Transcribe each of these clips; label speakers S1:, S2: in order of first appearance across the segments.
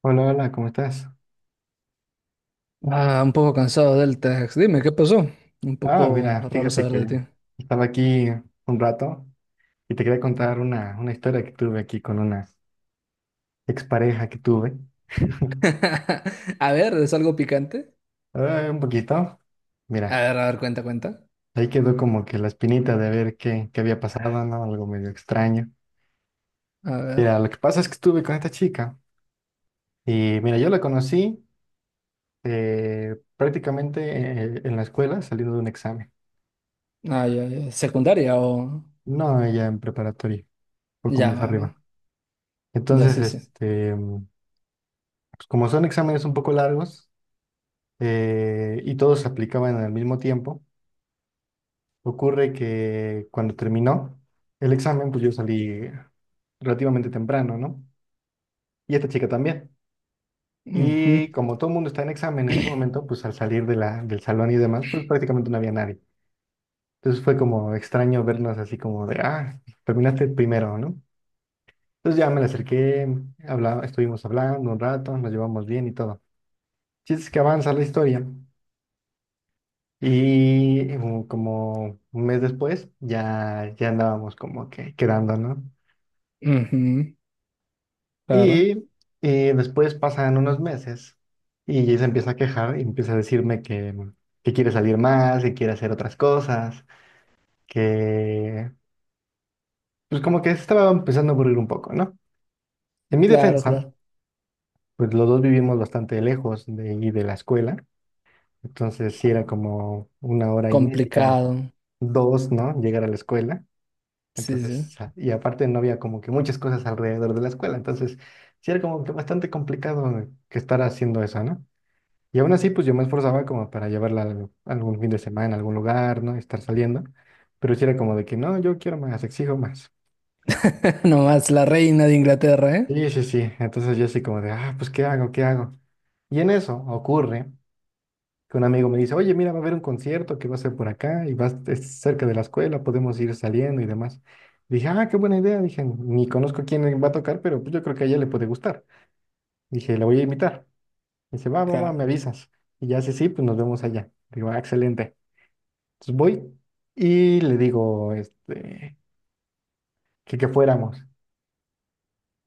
S1: Hola, hola, ¿cómo estás?
S2: Ah, un poco cansado del Tex. Dime, ¿qué pasó? Un
S1: Ah,
S2: poco
S1: mira,
S2: raro
S1: fíjate
S2: saber de
S1: que
S2: ti.
S1: estaba aquí un rato y te quería contar una historia que tuve aquí con una expareja que tuve.
S2: A ver, ¿es algo picante?
S1: Ah, un poquito, mira,
S2: A ver, cuenta, cuenta.
S1: ahí quedó como que la espinita de ver qué había pasado, ¿no? Algo medio extraño.
S2: A ver.
S1: Mira, lo que pasa es que estuve con esta chica y mira, yo la conocí prácticamente en la escuela saliendo de un examen.
S2: Ah, ya, ya. ¿Secundaria o...?
S1: No, ella en preparatoria, un poco
S2: Ya,
S1: más
S2: va, va.
S1: arriba.
S2: Ya,
S1: Entonces,
S2: sí, sí.
S1: pues, como son exámenes un poco largos y todos se aplicaban al mismo tiempo, ocurre que cuando terminó el examen, pues yo salí relativamente temprano, ¿no? Y esta chica también. Y
S2: Ujú,
S1: como todo el mundo está en examen en ese momento, pues al salir de la, del salón y demás, pues prácticamente no había nadie. Entonces fue como extraño vernos así como de, ah, terminaste primero, ¿no? Entonces ya me la acerqué, estuvimos hablando un rato, nos llevamos bien y todo. Chiste es que avanza la historia. Como un mes después ya, andábamos como que quedando, ¿no?
S2: ujú. Claro,
S1: Y, y después pasan unos meses y ella se empieza a quejar y empieza a decirme que quiere salir más, que quiere hacer otras cosas, que pues como que se estaba empezando a aburrir un poco, ¿no? En mi
S2: claro,
S1: defensa,
S2: claro.
S1: pues los dos vivimos bastante lejos de ahí de la escuela, entonces sí era como una hora y media,
S2: Complicado.
S1: dos, ¿no? Llegar a la escuela.
S2: Sí, sí.
S1: Entonces, y aparte no había como que muchas cosas alrededor de la escuela, entonces sí era como que bastante complicado que estar haciendo eso, ¿no? Y aún así, pues yo me esforzaba como para llevarla algún fin de semana, a algún lugar, ¿no? Estar saliendo, pero sí era como de que no, yo quiero más, exijo más.
S2: Nomás la reina de Inglaterra, ¿eh?
S1: Sí, sí, sí, entonces yo así como de, ah, pues ¿qué hago? ¿Qué hago? Y en eso ocurre que un amigo me dice, oye, mira, va a haber un concierto que va a ser por acá y es cerca de la escuela, podemos ir saliendo y demás. Dije, ah, qué buena idea. Dije, ni conozco quién va a tocar, pero pues yo creo que a ella le puede gustar. Dije, la voy a invitar. Dice, va, va, va, me
S2: Claro.
S1: avisas. Y ya, sí, sí, pues nos vemos allá. Digo, ah, excelente. Entonces voy y le digo, este, que fuéramos.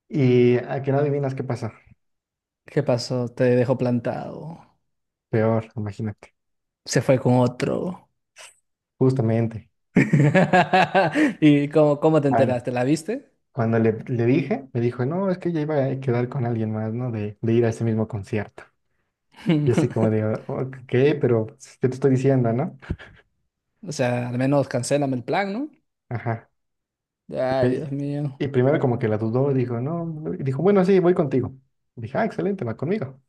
S1: Y a que no adivinas qué pasa.
S2: ¿Qué pasó? Te dejó plantado.
S1: Peor, imagínate.
S2: Se fue con otro.
S1: Justamente.
S2: ¿Y cómo te enteraste? ¿La viste?
S1: Cuando le dije, me dijo, no, es que ya iba a quedar con alguien más, ¿no? De ir a ese mismo concierto. Y así como de, "Oh, ok, pero pues, ¿qué te estoy diciendo, no?
S2: O sea, al menos cancélame el plan, ¿no?
S1: Ajá. Y,
S2: Ay,
S1: me-
S2: Dios mío.
S1: y primero como que la dudó, dijo, no, no", y dijo, bueno, sí, voy contigo. Dije, ah, excelente, va conmigo.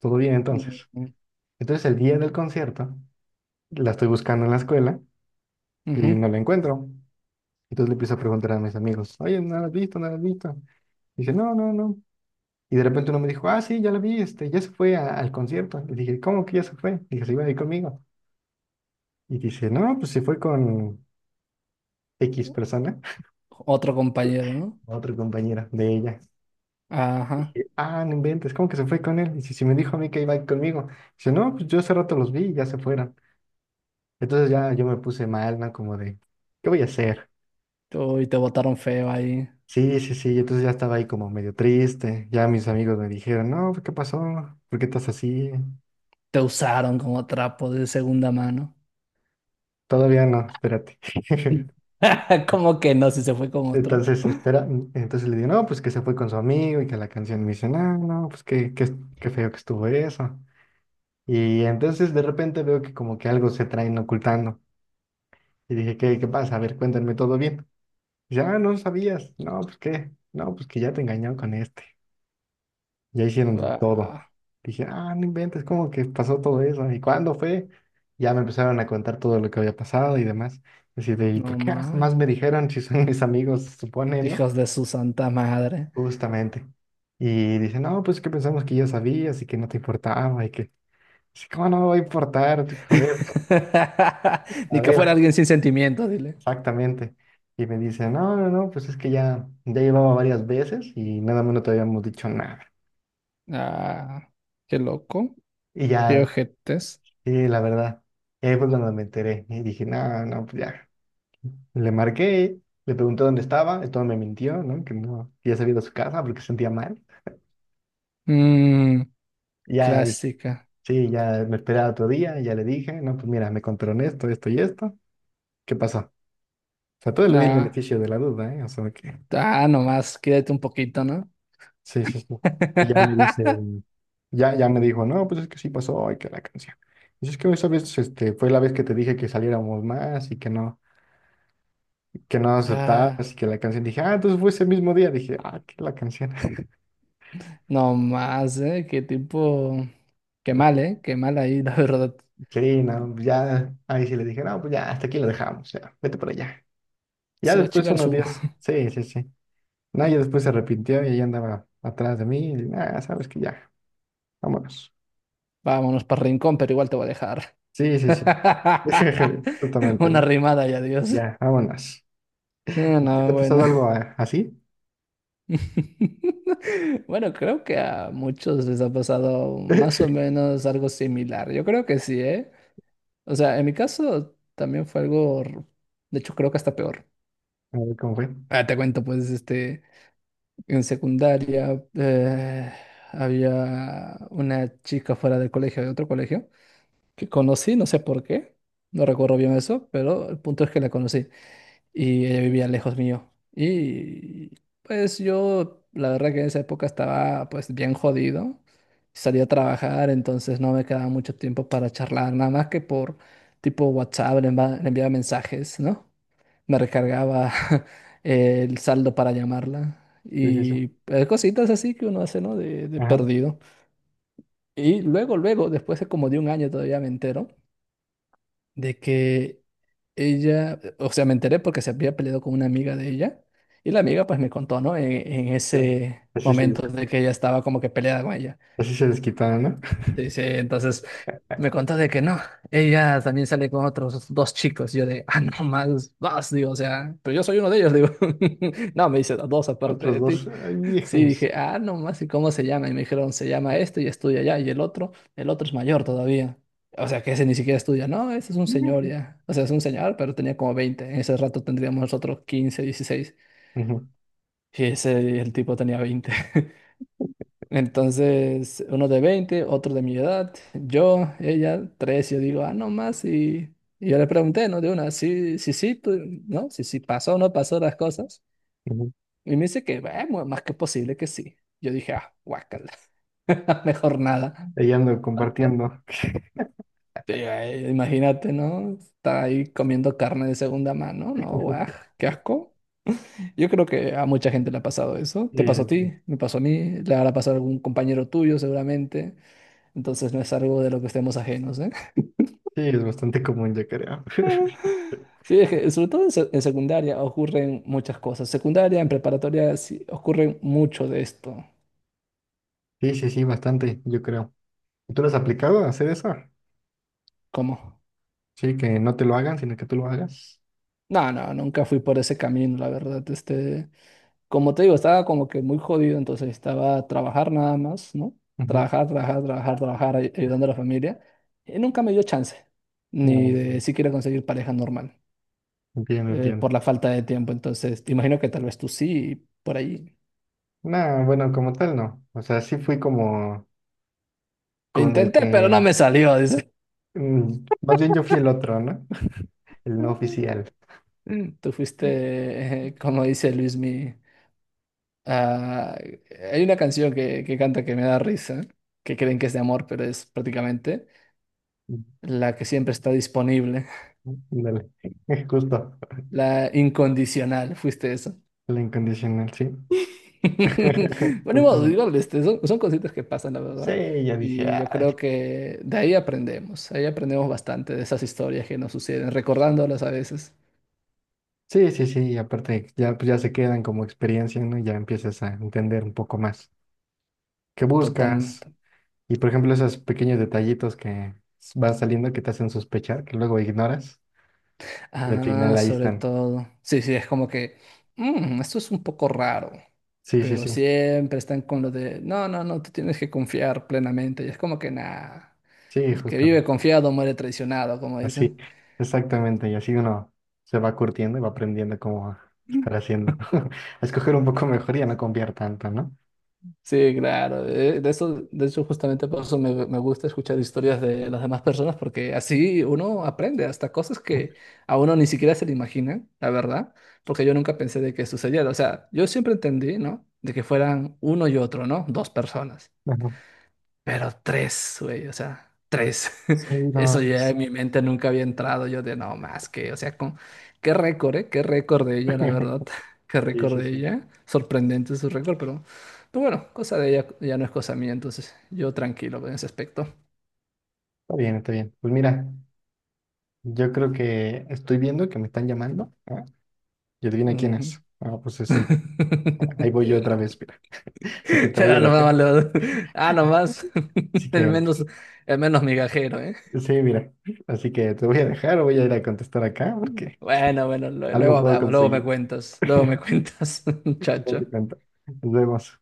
S1: Todo bien entonces.
S2: Ujú.
S1: Entonces el día del concierto, la estoy buscando en la escuela y
S2: Ujú.
S1: no la encuentro. Entonces le empiezo a preguntar a mis amigos, oye, ¿no la has visto? ¿No la has visto? Dice, no, no, no. Y de repente uno me dijo, ah, sí, ya la vi, este, ya se fue al concierto. Y dije, ¿cómo que ya se fue? Dije, se iba a ir conmigo. Y dice, no, pues se fue con X persona,
S2: Otro compañero, ¿no?
S1: otra compañera de ella.
S2: Ajá.
S1: Dije, ah, no inventes, ¿cómo que se fue con él? Dice, si me dijo a mí que iba a ir conmigo. Dice, no, pues yo hace rato los vi y ya se fueron. Entonces ya yo me puse mal, ¿no? Como de, ¿qué voy a hacer?
S2: Uy, te botaron feo ahí.
S1: Sí, sí, sí. Entonces ya estaba ahí como medio triste. Ya mis amigos me dijeron, no, ¿qué pasó? ¿Por qué estás así?
S2: Te usaron como trapo de segunda mano.
S1: Todavía no, espérate.
S2: ¿Cómo que no? Si se fue con otro.
S1: Entonces, espera, entonces le digo, no, pues que se fue con su amigo y que la canción me dice, no, no, pues que qué, qué feo que estuvo eso. Y entonces de repente veo que como que algo se traen ocultando. Y dije, ¿qué, qué pasa? A ver, cuéntame todo bien. Y ya, ah, no no sabías. No, pues qué, no, pues que ya te engañó con este. Ya hicieron de todo.
S2: Ah,
S1: Dije, ah, no inventes, ¿cómo que pasó todo eso? ¿Y cuándo fue? Ya me empezaron a contar todo lo que había pasado y demás. Así de, ¿y por
S2: no
S1: qué
S2: más.
S1: jamás me dijeron si son mis amigos, se supone, ¿no?
S2: Hijos de su santa madre.
S1: Justamente. Y dice, no, pues que pensamos que ya sabías y que no te importaba y que, sí, ¿cómo no me va a importar? A ver, a
S2: Ni que fuera
S1: ver,
S2: alguien sin sentimientos, dile.
S1: exactamente. Y me dice, no, no, no, pues es que ya, llevaba varias veces y nada más no te habíamos dicho nada.
S2: Ah, qué loco.
S1: Y
S2: Qué
S1: ya,
S2: ojetes.
S1: sí, la verdad, y ahí fue cuando me enteré y dije, no, no, pues ya. Le marqué, le pregunté dónde estaba, esto me mintió, ¿no? Que no, que ya se había ido a su casa porque se sentía mal.
S2: Mm,
S1: Y ya dije,
S2: Clásica.
S1: sí, ya me esperaba otro día, y ya le dije, no, pues mira, me contaron esto, esto y esto. ¿Qué pasó? O sea, todo le di el
S2: Ah,
S1: beneficio de la duda, ¿eh? O sea, que
S2: Ah, nomás, quédate un poquito, ¿no?
S1: sí, sí, sí. Y ya me dice, ya me dijo, no, pues es que sí pasó, ay, que la canción. Y es que esa vez, este, fue la vez que te dije que saliéramos más y que no aceptabas
S2: Ah,
S1: y que la canción. Dije, ah, entonces fue ese mismo día. Dije, ah, que la canción.
S2: nomás, ¿eh? Qué tipo... Qué mal, ¿eh? Qué mal ahí, la verdad.
S1: Sí, no, pues ya, ahí sí le dije, no, pues ya, hasta aquí lo dejamos, ya, vete para allá. Ya
S2: Se va a
S1: después
S2: chingar
S1: unos
S2: su...
S1: días, sí, sí, sí. No, ya después se arrepintió y ella andaba atrás de mí y, ah, sabes que ya, vámonos.
S2: Vámonos para Rincón, pero igual te voy a dejar.
S1: Sí, sí, sí. Justamente,
S2: Una
S1: ¿no?
S2: rimada y adiós.
S1: Ya, vámonos.
S2: Ah,
S1: ¿A ti te
S2: no,
S1: ha
S2: bueno.
S1: pasado algo a- así?
S2: Bueno, creo que a muchos les ha pasado más o menos algo similar. Yo creo que sí, ¿eh? O sea, en mi caso también fue algo... De hecho, creo que hasta peor.
S1: A ver cómo fue.
S2: Ah, te cuento, pues. En secundaria había una chica fuera del colegio, de otro colegio, que conocí, no sé por qué, no recuerdo bien eso, pero el punto es que la conocí y ella vivía lejos mío. Y pues yo, la verdad que en esa época estaba pues bien jodido, salía a trabajar, entonces no me quedaba mucho tiempo para charlar, nada más que por tipo WhatsApp, le enviaba mensajes, ¿no? Me recargaba el saldo para llamarla.
S1: Sí, sí, sí.
S2: Y cositas así que uno hace, ¿no? De
S1: Ajá.
S2: perdido. Y luego, luego, después de como de un año todavía me entero de que ella, o sea, me enteré porque se había peleado con una amiga de ella. Y la amiga pues me contó, ¿no? En
S1: Ya.
S2: ese
S1: Así se,
S2: momento de que ella estaba como que peleada con ella.
S1: así se desquitaron, ¿no?
S2: Sí, sí, entonces me contó de que no, ella también sale con otros dos chicos. Yo de, ah, no más, vas, digo, o sea, pero yo soy uno de ellos, digo. No, me dice, dos aparte
S1: Otros
S2: de
S1: dos.
S2: ti.
S1: Ay,
S2: Sí,
S1: hijos.
S2: dije, ah, no más, ¿y cómo se llama? Y me dijeron, se llama este y estudia allá, y el otro es mayor todavía. O sea, que ese ni siquiera estudia, no, ese es un señor ya. O sea, es un señor, pero tenía como 20. En ese rato tendríamos nosotros 15, 16
S1: Ujú,
S2: Y ese, el tipo tenía 20, entonces, uno de 20, otro de mi edad, yo, ella, tres. Yo digo, ah, no más, y yo le pregunté, ¿no? De una, sí, sí, sí, tú, ¿no? Si sí, pasó o no pasó las cosas.
S1: ujú.
S2: Y me dice que, bueno, más que posible que sí. Yo dije, ah, guácala, mejor nada.
S1: Ahí ando compartiendo.
S2: Sí, imagínate, ¿no? Está ahí comiendo carne de segunda mano, ¿no? Guaj, qué asco. Yo creo que a mucha gente le ha pasado eso. Te pasó a
S1: Sí.
S2: ti, me pasó a mí, le habrá pasado a algún compañero tuyo seguramente. Entonces no es algo de lo que estemos ajenos, ¿eh?
S1: Sí, es bastante común, yo creo.
S2: Sí, es que sobre todo en secundaria ocurren muchas cosas. Secundaria, en preparatoria, sí, ocurren mucho de esto.
S1: Sí, sí, sí, bastante, yo creo. ¿Tú lo has aplicado a hacer eso?
S2: ¿Cómo?
S1: Sí, que no te lo hagan, sino que tú lo hagas.
S2: No, no, nunca fui por ese camino, la verdad. Como te digo, estaba como que muy jodido, entonces estaba a trabajar nada más, ¿no?
S1: Ujú.
S2: Trabajar, trabajar, trabajar, trabajar, ayudando a la familia. Y nunca me dio chance,
S1: Ah,
S2: ni
S1: ok.
S2: de siquiera conseguir pareja normal,
S1: Entiendo, entiendo.
S2: por la falta de tiempo. Entonces, te imagino que tal vez tú sí, por ahí.
S1: No, bueno, como tal no. O sea, sí fui como
S2: Lo
S1: con el
S2: intenté, pero no
S1: que,
S2: me salió, dice.
S1: mm, más bien yo fui el otro, ¿no? El no oficial.
S2: Tú fuiste, como dice Luismi, ah, hay una canción que canta que me da risa, que creen que es de amor, pero es prácticamente la que siempre está disponible,
S1: Ándale, justo,
S2: la incondicional, fuiste eso.
S1: el incondicional, sí.
S2: Bueno, ni modo,
S1: Justamente.
S2: igual, son cositas que pasan, la verdad,
S1: Sí, ya dije,
S2: y yo creo
S1: "Ay".
S2: que de ahí aprendemos bastante de esas historias que nos suceden, recordándolas a veces,
S1: Sí, sí, sí, y aparte ya, pues ya se quedan como experiencia, ¿no? Ya empiezas a entender un poco más qué
S2: total.
S1: buscas. Y por ejemplo, esos pequeños detallitos que van saliendo que te hacen sospechar, que luego ignoras, y al
S2: Ah,
S1: final ahí
S2: sobre
S1: están.
S2: todo. Sí, sí, es como que, "Mm, esto es un poco raro",
S1: Sí, sí,
S2: pero
S1: sí,
S2: siempre están con lo de, no, no, no, tú tienes que confiar plenamente. Y es como que, nada,
S1: sí,
S2: el que
S1: justo.
S2: vive confiado muere traicionado, como
S1: Así,
S2: dicen.
S1: exactamente. Y así uno se va curtiendo y va aprendiendo cómo estar haciendo. A escoger un poco mejor y a no confiar tanto, ¿no?
S2: Sí, claro. De eso, de hecho, justamente por eso me gusta escuchar historias de las demás personas, porque así uno aprende hasta cosas que
S1: Ajá.
S2: a uno ni siquiera se le imaginan, la verdad, porque yo nunca pensé de que sucediera. O sea, yo siempre entendí, ¿no? De que fueran uno y otro, ¿no? Dos personas. Pero tres, güey, o sea, tres.
S1: Sí,
S2: Eso
S1: no.
S2: ya en mi mente nunca había entrado. Yo de no más que, o sea, con qué récord, ¿eh? Qué récord de ella, la verdad. Qué
S1: Sí,
S2: récord
S1: sí,
S2: de
S1: sí.
S2: ella. Sorprendente su récord, pero, bueno, cosa de ella ya no es cosa mía, entonces yo tranquilo en ese aspecto.
S1: Está bien, está bien. Pues mira, yo creo que estoy viendo que me están llamando. ¿Ah? Y adivina quién
S2: Ujú.
S1: es. Ah, pues es ella. Ahí voy yo otra vez, mira. Así que te voy
S2: Ah,
S1: a dejar.
S2: nomás, lo- ah, nomás.
S1: Así
S2: El
S1: que,
S2: menos, el menos migajero, ¿eh?
S1: sí, mira. Así que te voy a dejar o voy a ir a contestar acá porque
S2: Bueno, bueno,
S1: algo
S2: luego
S1: puedo
S2: hablamos,
S1: conseguir.
S2: luego me cuentas,
S1: Luego te
S2: muchacho.
S1: cuento. Nos vemos.